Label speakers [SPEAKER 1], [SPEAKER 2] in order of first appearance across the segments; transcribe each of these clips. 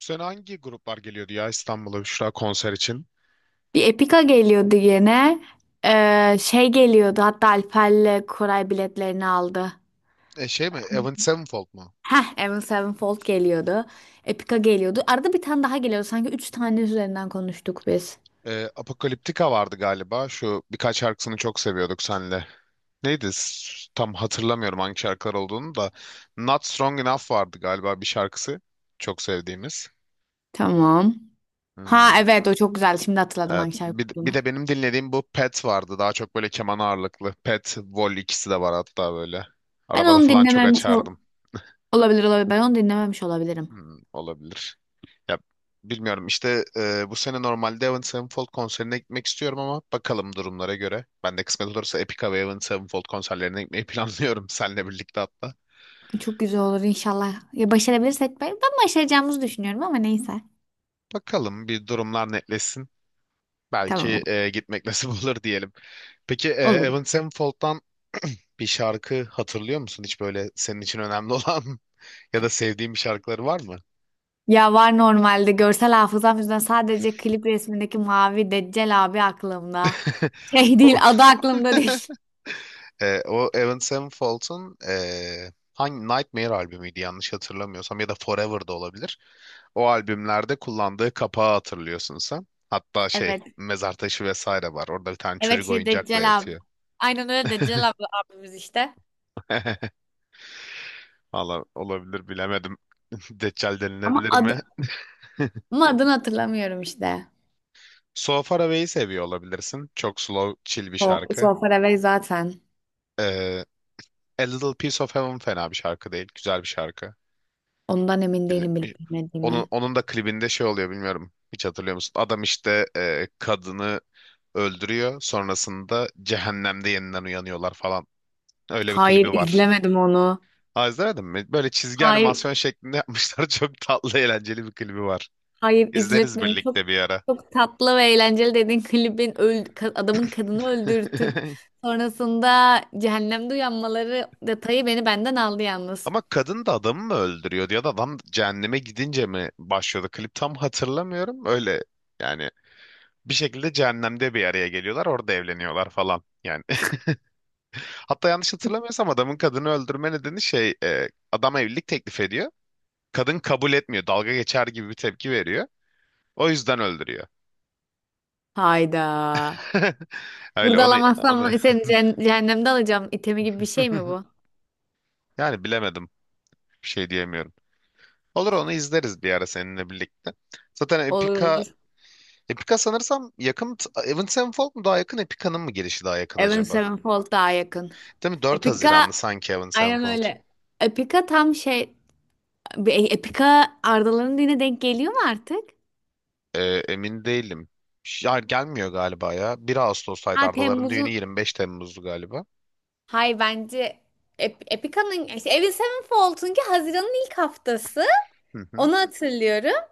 [SPEAKER 1] Bu sene hangi gruplar geliyordu ya İstanbul'a Büşra konser için?
[SPEAKER 2] Bir Epica geliyordu yine. Şey geliyordu hatta Alper'le Koray biletlerini aldı.
[SPEAKER 1] Şey mi? Avenged Sevenfold mu?
[SPEAKER 2] Heh, Avenged Sevenfold geliyordu. Epica geliyordu. Arada bir tane daha geliyordu. Sanki üç tane üzerinden konuştuk biz.
[SPEAKER 1] Apocalyptica vardı galiba. Şu birkaç şarkısını çok seviyorduk senle. Neydi? Tam hatırlamıyorum hangi şarkılar olduğunu da. Not Strong Enough vardı galiba bir şarkısı. Çok sevdiğimiz.
[SPEAKER 2] Tamam. Ha
[SPEAKER 1] Hmm,
[SPEAKER 2] evet o çok güzel. Şimdi hatırladım
[SPEAKER 1] evet.
[SPEAKER 2] hangi şarkı
[SPEAKER 1] Bir
[SPEAKER 2] olduğunu.
[SPEAKER 1] de benim dinlediğim bu Pet vardı. Daha çok böyle keman ağırlıklı. Pet, Vol ikisi de var hatta böyle.
[SPEAKER 2] Ben
[SPEAKER 1] Arabada
[SPEAKER 2] onu
[SPEAKER 1] falan çok
[SPEAKER 2] dinlememiş ol-
[SPEAKER 1] açardım.
[SPEAKER 2] olabilir olabilir. Ben onu dinlememiş olabilirim.
[SPEAKER 1] Hmm, olabilir. Ya bilmiyorum işte, bu sene normalde Avenged Sevenfold konserine gitmek istiyorum ama bakalım durumlara göre. Ben de kısmet olursa Epica ve Avenged Sevenfold konserlerine gitmeyi planlıyorum seninle birlikte hatta.
[SPEAKER 2] Çok güzel olur inşallah. Ya başarabilirsek ben başaracağımızı düşünüyorum ama neyse.
[SPEAKER 1] Bakalım bir durumlar netleşsin.
[SPEAKER 2] Tamam
[SPEAKER 1] Belki gitmek nasip olur diyelim. Peki
[SPEAKER 2] olur.
[SPEAKER 1] Avenged Sevenfold'dan bir şarkı hatırlıyor musun? Hiç böyle senin için önemli olan ya da sevdiğin bir şarkıları var mı?
[SPEAKER 2] Ya var normalde görsel hafızam yüzünden sadece klip resmindeki mavi Deccal abi aklımda. Şey değil
[SPEAKER 1] O...
[SPEAKER 2] adı aklımda değil.
[SPEAKER 1] O Avenged Sevenfold'un hangi Nightmare albümüydü yanlış hatırlamıyorsam ya da Forever da olabilir. O albümlerde kullandığı kapağı hatırlıyorsun sen. Hatta şey
[SPEAKER 2] Evet.
[SPEAKER 1] mezar taşı vesaire var. Orada bir tane
[SPEAKER 2] Evet
[SPEAKER 1] çocuk
[SPEAKER 2] şey
[SPEAKER 1] oyuncakla
[SPEAKER 2] Deccal abi.
[SPEAKER 1] yatıyor.
[SPEAKER 2] Aynen öyle Deccal abi abimiz işte.
[SPEAKER 1] Valla olabilir bilemedim. Deccal
[SPEAKER 2] Ama
[SPEAKER 1] denilebilir mi?
[SPEAKER 2] adı ama adını hatırlamıyorum işte.
[SPEAKER 1] So Far Away'i seviyor olabilirsin. Çok slow, chill bir
[SPEAKER 2] O
[SPEAKER 1] şarkı.
[SPEAKER 2] Solfaravel zaten.
[SPEAKER 1] E, A Little Piece of Heaven fena bir şarkı değil. Güzel bir şarkı.
[SPEAKER 2] Ondan emin değilim
[SPEAKER 1] Dinletmiş.
[SPEAKER 2] bilip
[SPEAKER 1] Onun,
[SPEAKER 2] bilmediğimi.
[SPEAKER 1] onun da klibinde şey oluyor bilmiyorum. Hiç hatırlıyor musun? Adam işte, kadını öldürüyor. Sonrasında cehennemde yeniden uyanıyorlar falan. Öyle bir
[SPEAKER 2] Hayır
[SPEAKER 1] klibi var.
[SPEAKER 2] izlemedim onu.
[SPEAKER 1] Aa, izlemedin mi? Böyle çizgi
[SPEAKER 2] Hayır,
[SPEAKER 1] animasyon şeklinde yapmışlar. Çok tatlı, eğlenceli bir klibi var.
[SPEAKER 2] hayır
[SPEAKER 1] İzleriz
[SPEAKER 2] izletmedim. Çok
[SPEAKER 1] birlikte bir ara.
[SPEAKER 2] çok tatlı ve eğlenceli dediğin klibin adamın kadını öldürtüp sonrasında cehennemde uyanmaları detayı beni benden aldı yalnız.
[SPEAKER 1] Ama kadın da adamı mı öldürüyordu ya da adam cehenneme gidince mi başlıyordu? Klip tam hatırlamıyorum. Öyle yani bir şekilde cehennemde bir araya geliyorlar. Orada evleniyorlar falan. Yani, hatta yanlış hatırlamıyorsam adamın kadını öldürme nedeni şey, adam evlilik teklif ediyor. Kadın kabul etmiyor. Dalga geçer gibi bir tepki veriyor. O yüzden öldürüyor.
[SPEAKER 2] Hayda.
[SPEAKER 1] Öyle
[SPEAKER 2] Burada
[SPEAKER 1] onu,
[SPEAKER 2] alamazsam
[SPEAKER 1] onu...
[SPEAKER 2] seni cehennemde alacağım. İtemi gibi bir şey mi bu?
[SPEAKER 1] Yani bilemedim. Bir şey diyemiyorum. Olur onu izleriz bir ara seninle birlikte. Zaten
[SPEAKER 2] Olur,
[SPEAKER 1] Epica
[SPEAKER 2] olur.
[SPEAKER 1] Epica sanırsam yakın. Avenged Sevenfold mu daha yakın, Epica'nın mı girişi daha yakın
[SPEAKER 2] Avenged
[SPEAKER 1] acaba?
[SPEAKER 2] Sevenfold daha yakın.
[SPEAKER 1] Değil mi? 4
[SPEAKER 2] Epica
[SPEAKER 1] Haziranlı sanki Avenged
[SPEAKER 2] aynen
[SPEAKER 1] Sevenfold.
[SPEAKER 2] öyle. Epica tam şey Epika Arda'ların dine denk geliyor mu artık?
[SPEAKER 1] Ee, emin değilim. Ya gelmiyor galiba ya. 1 Ağustos'taydı
[SPEAKER 2] Ha
[SPEAKER 1] Ardaların düğünü,
[SPEAKER 2] Temmuz'un
[SPEAKER 1] 25 Temmuz'du galiba.
[SPEAKER 2] Hay bence Ep- Epica'nın işte Avenged Sevenfold'unki Haziran'ın ilk haftası.
[SPEAKER 1] Hı hı.
[SPEAKER 2] Onu hatırlıyorum.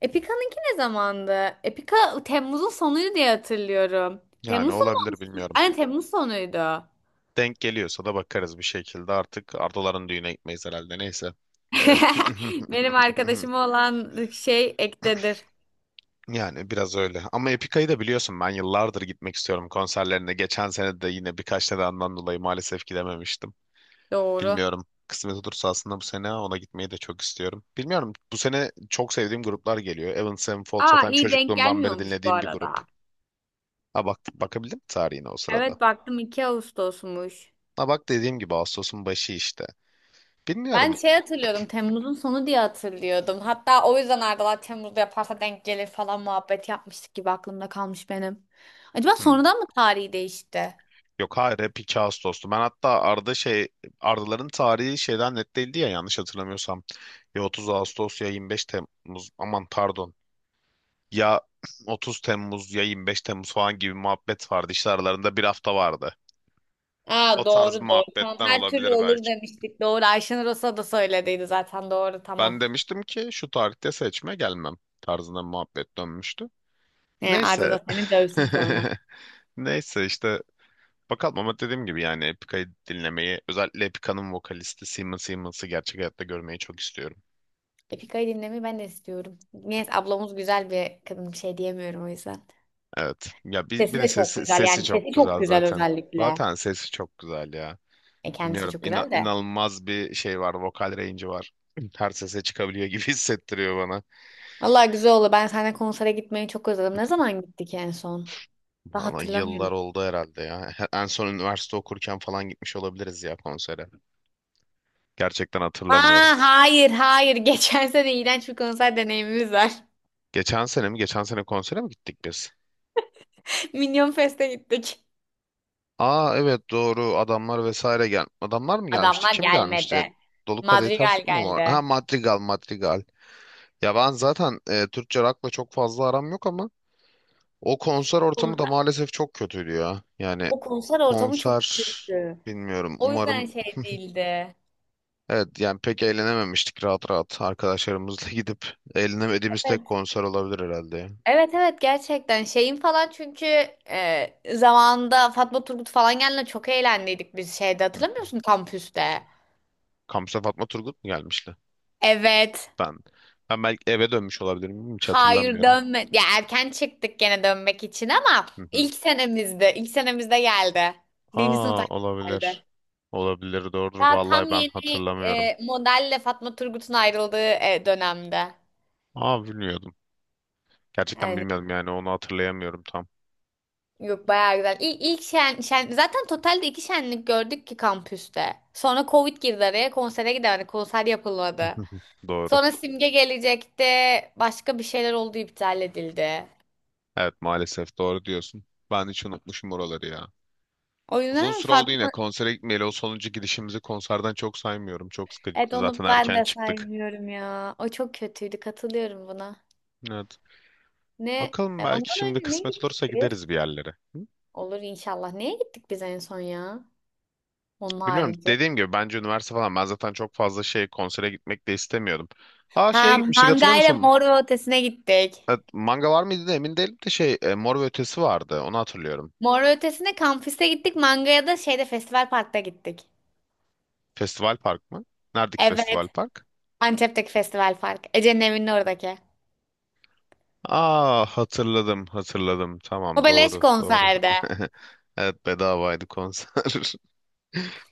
[SPEAKER 2] Epica'nınki ne zamandı? Epica Temmuz'un sonuydu diye hatırlıyorum.
[SPEAKER 1] Yani
[SPEAKER 2] Temmuz sonu
[SPEAKER 1] olabilir
[SPEAKER 2] mu?
[SPEAKER 1] bilmiyorum.
[SPEAKER 2] Aynen Temmuz sonuydu.
[SPEAKER 1] Denk geliyorsa da bakarız bir şekilde. Artık Ardaların düğüne gitmeyiz herhalde. Neyse. Ee,
[SPEAKER 2] Benim arkadaşım olan şey ektedir.
[SPEAKER 1] Yani biraz öyle. Ama Epica'yı da biliyorsun ben yıllardır gitmek istiyorum konserlerine. Geçen sene de yine birkaç nedenden dolayı maalesef gidememiştim.
[SPEAKER 2] Doğru.
[SPEAKER 1] Bilmiyorum. Kısmet olursa aslında bu sene ona gitmeyi de çok istiyorum. Bilmiyorum. Bu sene çok sevdiğim gruplar geliyor. Avenged Sevenfold
[SPEAKER 2] Aa
[SPEAKER 1] zaten
[SPEAKER 2] iyi denk
[SPEAKER 1] çocukluğumdan beri
[SPEAKER 2] gelmiyormuş bu
[SPEAKER 1] dinlediğim bir grup.
[SPEAKER 2] arada.
[SPEAKER 1] Ha bak bakabildim mi tarihine o sırada?
[SPEAKER 2] Evet baktım 2 Ağustos'muş.
[SPEAKER 1] Ha bak dediğim gibi Ağustos'un başı işte.
[SPEAKER 2] Ben
[SPEAKER 1] Bilmiyorum.
[SPEAKER 2] şey hatırlıyordum. Temmuz'un sonu diye hatırlıyordum. Hatta o yüzden Arda'lar Temmuz'da yaparsa denk gelir falan muhabbet yapmıştık gibi aklımda kalmış benim. Acaba
[SPEAKER 1] Hmm.
[SPEAKER 2] sonradan mı tarihi değişti?
[SPEAKER 1] Yok hayır hep 2 Ağustos'tu. Ben hatta Arda, şey, Ardaların tarihi şeyden net değildi ya yanlış hatırlamıyorsam. Ya 30 Ağustos ya 25 Temmuz, aman pardon. Ya 30 Temmuz ya 25 Temmuz falan gibi muhabbet vardı. İşte aralarında bir hafta vardı.
[SPEAKER 2] Aa,
[SPEAKER 1] O tarz bir
[SPEAKER 2] doğru, doğru. Tamam,
[SPEAKER 1] muhabbetten
[SPEAKER 2] her türlü
[SPEAKER 1] olabilir
[SPEAKER 2] olur
[SPEAKER 1] belki.
[SPEAKER 2] demiştik. Doğru, Ayşenur Osa da söylediydi zaten. Doğru,
[SPEAKER 1] Ben
[SPEAKER 2] tamam.
[SPEAKER 1] demiştim ki şu tarihte seçme gelmem tarzında bir muhabbet dönmüştü.
[SPEAKER 2] Arda
[SPEAKER 1] Neyse.
[SPEAKER 2] da seni dövsün sonra.
[SPEAKER 1] Neyse işte. Bakalım, ama dediğim gibi yani Epica'yı dinlemeyi, özellikle Epica'nın vokalisti Simon Simmons'ı gerçek hayatta görmeyi çok istiyorum.
[SPEAKER 2] Epika'yı dinlemeyi ben de istiyorum. Neyse, ablamız güzel bir kadın, bir şey diyemiyorum o yüzden.
[SPEAKER 1] Evet. Ya bir,
[SPEAKER 2] Sesi
[SPEAKER 1] bir de
[SPEAKER 2] de çok
[SPEAKER 1] sesi,
[SPEAKER 2] güzel,
[SPEAKER 1] sesi
[SPEAKER 2] yani
[SPEAKER 1] çok
[SPEAKER 2] sesi çok
[SPEAKER 1] güzel
[SPEAKER 2] güzel
[SPEAKER 1] zaten.
[SPEAKER 2] özellikle.
[SPEAKER 1] Zaten sesi çok güzel ya.
[SPEAKER 2] Kendisi de
[SPEAKER 1] Bilmiyorum,
[SPEAKER 2] çok
[SPEAKER 1] ina-
[SPEAKER 2] güzel de.
[SPEAKER 1] inanılmaz bir şey var. Vokal range'i var. Her sese çıkabiliyor gibi hissettiriyor bana.
[SPEAKER 2] Allah güzel oldu. Ben seninle konsere gitmeyi çok özledim. Ne zaman gittik en son? Ben
[SPEAKER 1] Bana yıllar
[SPEAKER 2] hatırlamıyorum.
[SPEAKER 1] oldu herhalde ya. En son üniversite okurken falan gitmiş olabiliriz ya konsere. Gerçekten hatırlamıyorum.
[SPEAKER 2] Aa, hayır, hayır. Geçen sene iğrenç bir konser deneyimimiz var.
[SPEAKER 1] Geçen sene mi? Geçen sene konsere mi gittik biz?
[SPEAKER 2] Minyon Fest'e gittik.
[SPEAKER 1] Aa evet doğru adamlar vesaire gel. Adamlar mı gelmişti?
[SPEAKER 2] Adamlar
[SPEAKER 1] Kim gelmişti?
[SPEAKER 2] gelmedi.
[SPEAKER 1] Dolu Kadehi Ters
[SPEAKER 2] Madrigal
[SPEAKER 1] mu var? Ha
[SPEAKER 2] geldi.
[SPEAKER 1] Madrigal Madrigal. Ya ben zaten, Türkçe rock'la çok fazla aram yok ama o konser ortamı da
[SPEAKER 2] Konser-
[SPEAKER 1] maalesef çok kötüydü ya. Yani
[SPEAKER 2] O konser ortamı çok
[SPEAKER 1] konser
[SPEAKER 2] kötüydü.
[SPEAKER 1] bilmiyorum.
[SPEAKER 2] O yüzden
[SPEAKER 1] Umarım.
[SPEAKER 2] şey değildi.
[SPEAKER 1] Evet, yani pek eğlenememiştik, rahat rahat arkadaşlarımızla gidip eğlenemediğimiz tek
[SPEAKER 2] Evet.
[SPEAKER 1] konser olabilir herhalde ya.
[SPEAKER 2] Evet, evet, gerçekten şeyin falan çünkü zamanında Fatma Turgut falan geldiğinde çok eğlendiydik biz şeyde,
[SPEAKER 1] Hı.
[SPEAKER 2] hatırlamıyor musun kampüste?
[SPEAKER 1] Kampüse Fatma Turgut mu gelmişti?
[SPEAKER 2] Evet.
[SPEAKER 1] Ben ben belki eve dönmüş olabilirim hiç
[SPEAKER 2] Hayır,
[SPEAKER 1] hatırlamıyorum.
[SPEAKER 2] dönme. Ya erken çıktık gene dönmek için ama
[SPEAKER 1] Hı hı.
[SPEAKER 2] ilk senemizde geldi. Birinci sınıfta
[SPEAKER 1] Aa olabilir.
[SPEAKER 2] geldi.
[SPEAKER 1] Olabilir doğrudur.
[SPEAKER 2] Daha
[SPEAKER 1] Vallahi
[SPEAKER 2] tam
[SPEAKER 1] ben
[SPEAKER 2] yeni
[SPEAKER 1] hatırlamıyorum.
[SPEAKER 2] modelle Fatma Turgut'un ayrıldığı dönemde.
[SPEAKER 1] Aa bilmiyordum. Gerçekten
[SPEAKER 2] Yani
[SPEAKER 1] bilmiyordum, yani onu hatırlayamıyorum tam.
[SPEAKER 2] yok, bayağı güzel. Zaten totalde iki şenlik gördük ki kampüste. Sonra Covid girdi araya, konsere gidemedik. Konser yapılmadı.
[SPEAKER 1] Doğru.
[SPEAKER 2] Sonra Simge gelecekti. Başka bir şeyler oldu, iptal edildi.
[SPEAKER 1] Evet maalesef doğru diyorsun. Ben hiç unutmuşum oraları ya.
[SPEAKER 2] O
[SPEAKER 1] Uzun
[SPEAKER 2] yüzden
[SPEAKER 1] süre oldu yine
[SPEAKER 2] Fatma
[SPEAKER 1] konsere gitmeyeli. O sonuncu gidişimizi konserden çok saymıyorum. Çok
[SPEAKER 2] Evet,
[SPEAKER 1] sıkıcıydı.
[SPEAKER 2] onu
[SPEAKER 1] Zaten
[SPEAKER 2] ben
[SPEAKER 1] erken
[SPEAKER 2] de
[SPEAKER 1] çıktık.
[SPEAKER 2] saymıyorum ya. O çok kötüydü. Katılıyorum buna.
[SPEAKER 1] Evet.
[SPEAKER 2] Ne?
[SPEAKER 1] Bakalım, belki
[SPEAKER 2] Ondan
[SPEAKER 1] şimdi
[SPEAKER 2] önce ne
[SPEAKER 1] kısmet
[SPEAKER 2] gittik
[SPEAKER 1] olursa
[SPEAKER 2] biz?
[SPEAKER 1] gideriz bir yerlere. Hı?
[SPEAKER 2] Olur inşallah. Neye gittik biz en son ya? Onun
[SPEAKER 1] Bilmiyorum,
[SPEAKER 2] harici.
[SPEAKER 1] dediğim gibi bence üniversite falan, ben zaten çok fazla şey konsere gitmek de istemiyordum. Aa, şeye
[SPEAKER 2] Ha,
[SPEAKER 1] gitmiştik hatırlıyor
[SPEAKER 2] mangayla
[SPEAKER 1] musun?
[SPEAKER 2] Mor ve Ötesi'ne gittik.
[SPEAKER 1] Evet, manga var mıydı da emin değilim de şey, Mor ve Ötesi vardı, onu hatırlıyorum.
[SPEAKER 2] Mor ve Ötesi'ne kampüste gittik. Mangaya da şeyde Festival Park'ta gittik.
[SPEAKER 1] Festival Park mı? Neredeki Festival
[SPEAKER 2] Evet.
[SPEAKER 1] Park?
[SPEAKER 2] Antep'teki Festival Park. Ece'nin evinin oradaki.
[SPEAKER 1] Aa, hatırladım hatırladım,
[SPEAKER 2] O
[SPEAKER 1] tamam
[SPEAKER 2] beleş
[SPEAKER 1] doğru doğru.
[SPEAKER 2] konserde.
[SPEAKER 1] Evet bedavaydı konser.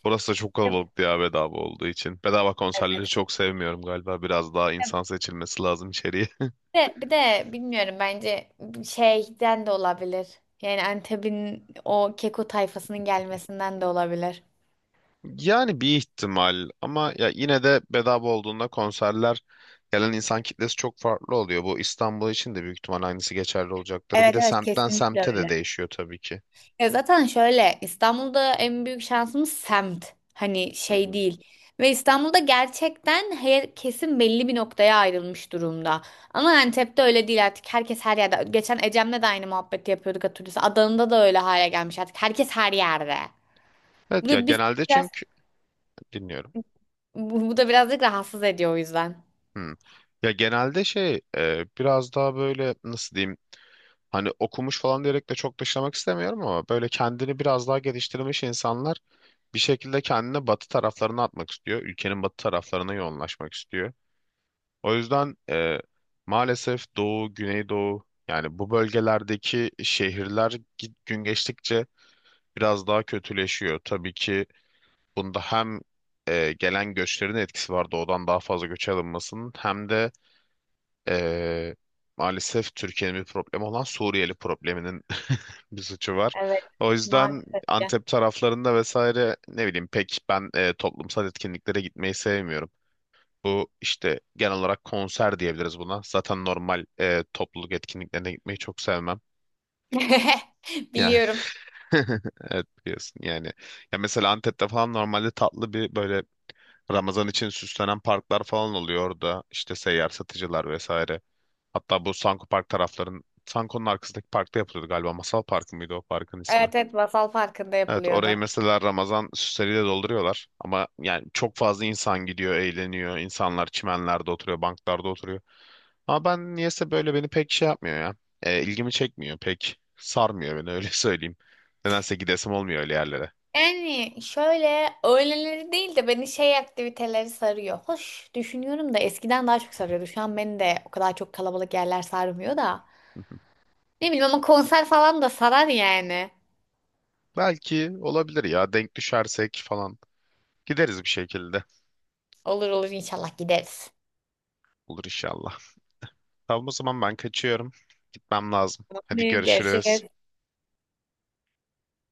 [SPEAKER 1] Burası da çok kalabalıktı ya, bedava olduğu için. Bedava konserleri
[SPEAKER 2] Evet.
[SPEAKER 1] çok sevmiyorum galiba, biraz daha insan seçilmesi lazım içeriye.
[SPEAKER 2] Bir de bilmiyorum, bence şeyden de olabilir. Yani Antep'in o keko tayfasının gelmesinden de olabilir.
[SPEAKER 1] Yani bir ihtimal, ama ya yine de bedava olduğunda konserler gelen insan kitlesi çok farklı oluyor. Bu İstanbul için de büyük ihtimal aynısı geçerli olacaktır. Bir
[SPEAKER 2] Evet,
[SPEAKER 1] de
[SPEAKER 2] evet,
[SPEAKER 1] semtten
[SPEAKER 2] kesinlikle
[SPEAKER 1] semte
[SPEAKER 2] öyle.
[SPEAKER 1] de değişiyor tabii ki.
[SPEAKER 2] Ya zaten şöyle İstanbul'da en büyük şansımız semt. Hani
[SPEAKER 1] Hı
[SPEAKER 2] şey
[SPEAKER 1] hı.
[SPEAKER 2] değil. Ve İstanbul'da gerçekten her kesim belli bir noktaya ayrılmış durumda. Ama Antep'te öyle değil artık. Herkes her yerde. Geçen Ecem'le de aynı muhabbeti yapıyorduk, hatırlıyorsun. Adana'da da öyle hale gelmiş artık. Herkes her yerde. Bu
[SPEAKER 1] Evet ya
[SPEAKER 2] da biz
[SPEAKER 1] genelde
[SPEAKER 2] biraz
[SPEAKER 1] çünkü dinliyorum.
[SPEAKER 2] bu da birazcık rahatsız ediyor o yüzden.
[SPEAKER 1] Hmm. Ya genelde şey, biraz daha böyle nasıl diyeyim, hani okumuş falan diyerek de çok dışlamak istemiyorum ama böyle kendini biraz daha geliştirmiş insanlar bir şekilde kendini batı taraflarına atmak istiyor. Ülkenin batı taraflarına yoğunlaşmak istiyor. O yüzden, maalesef Doğu, Güneydoğu, yani bu bölgelerdeki şehirler gün geçtikçe biraz daha kötüleşiyor. Tabii ki bunda hem gelen göçlerin etkisi var, doğudan daha fazla göç alınmasının, hem de e, maalesef Türkiye'nin bir problemi olan Suriyeli probleminin bir suçu var.
[SPEAKER 2] Evet,
[SPEAKER 1] O yüzden
[SPEAKER 2] maalesef ki.
[SPEAKER 1] Antep taraflarında vesaire ne bileyim, pek ben toplumsal etkinliklere gitmeyi sevmiyorum. Bu işte genel olarak konser diyebiliriz buna. Zaten normal topluluk etkinliklerine gitmeyi çok sevmem. Yani
[SPEAKER 2] Biliyorum.
[SPEAKER 1] evet, biliyorsun yani. Ya mesela Antep'te falan normalde tatlı bir böyle Ramazan için süslenen parklar falan oluyor orada. İşte seyyar satıcılar vesaire. Hatta bu Sanko Park tarafların, Sanko'nun arkasındaki parkta yapılıyordu galiba. Masal Parkı mıydı o parkın ismi?
[SPEAKER 2] Evet, evet, masal farkında
[SPEAKER 1] Evet
[SPEAKER 2] yapılıyordu.
[SPEAKER 1] orayı mesela Ramazan süsleriyle dolduruyorlar. Ama yani çok fazla insan gidiyor, eğleniyor. İnsanlar çimenlerde oturuyor, banklarda oturuyor. Ama ben niyeyse böyle beni pek şey yapmıyor ya. İlgimi çekmiyor pek. Sarmıyor beni, öyle söyleyeyim. Nedense gidesim olmuyor öyle yerlere.
[SPEAKER 2] Yani şöyle öğleleri değil de beni şey aktiviteleri sarıyor. Hoş, düşünüyorum da eskiden daha çok sarıyordu. Şu an beni de o kadar çok kalabalık yerler sarmıyor da. Ne bileyim, ama konser falan da sarar yani.
[SPEAKER 1] Belki olabilir ya, denk düşersek falan. Gideriz bir şekilde.
[SPEAKER 2] Olur, olur, inşallah gideriz.
[SPEAKER 1] Olur inşallah. Tamam o zaman ben kaçıyorum. Gitmem lazım. Hadi
[SPEAKER 2] Tamam,
[SPEAKER 1] görüşürüz.
[SPEAKER 2] görüşürüz.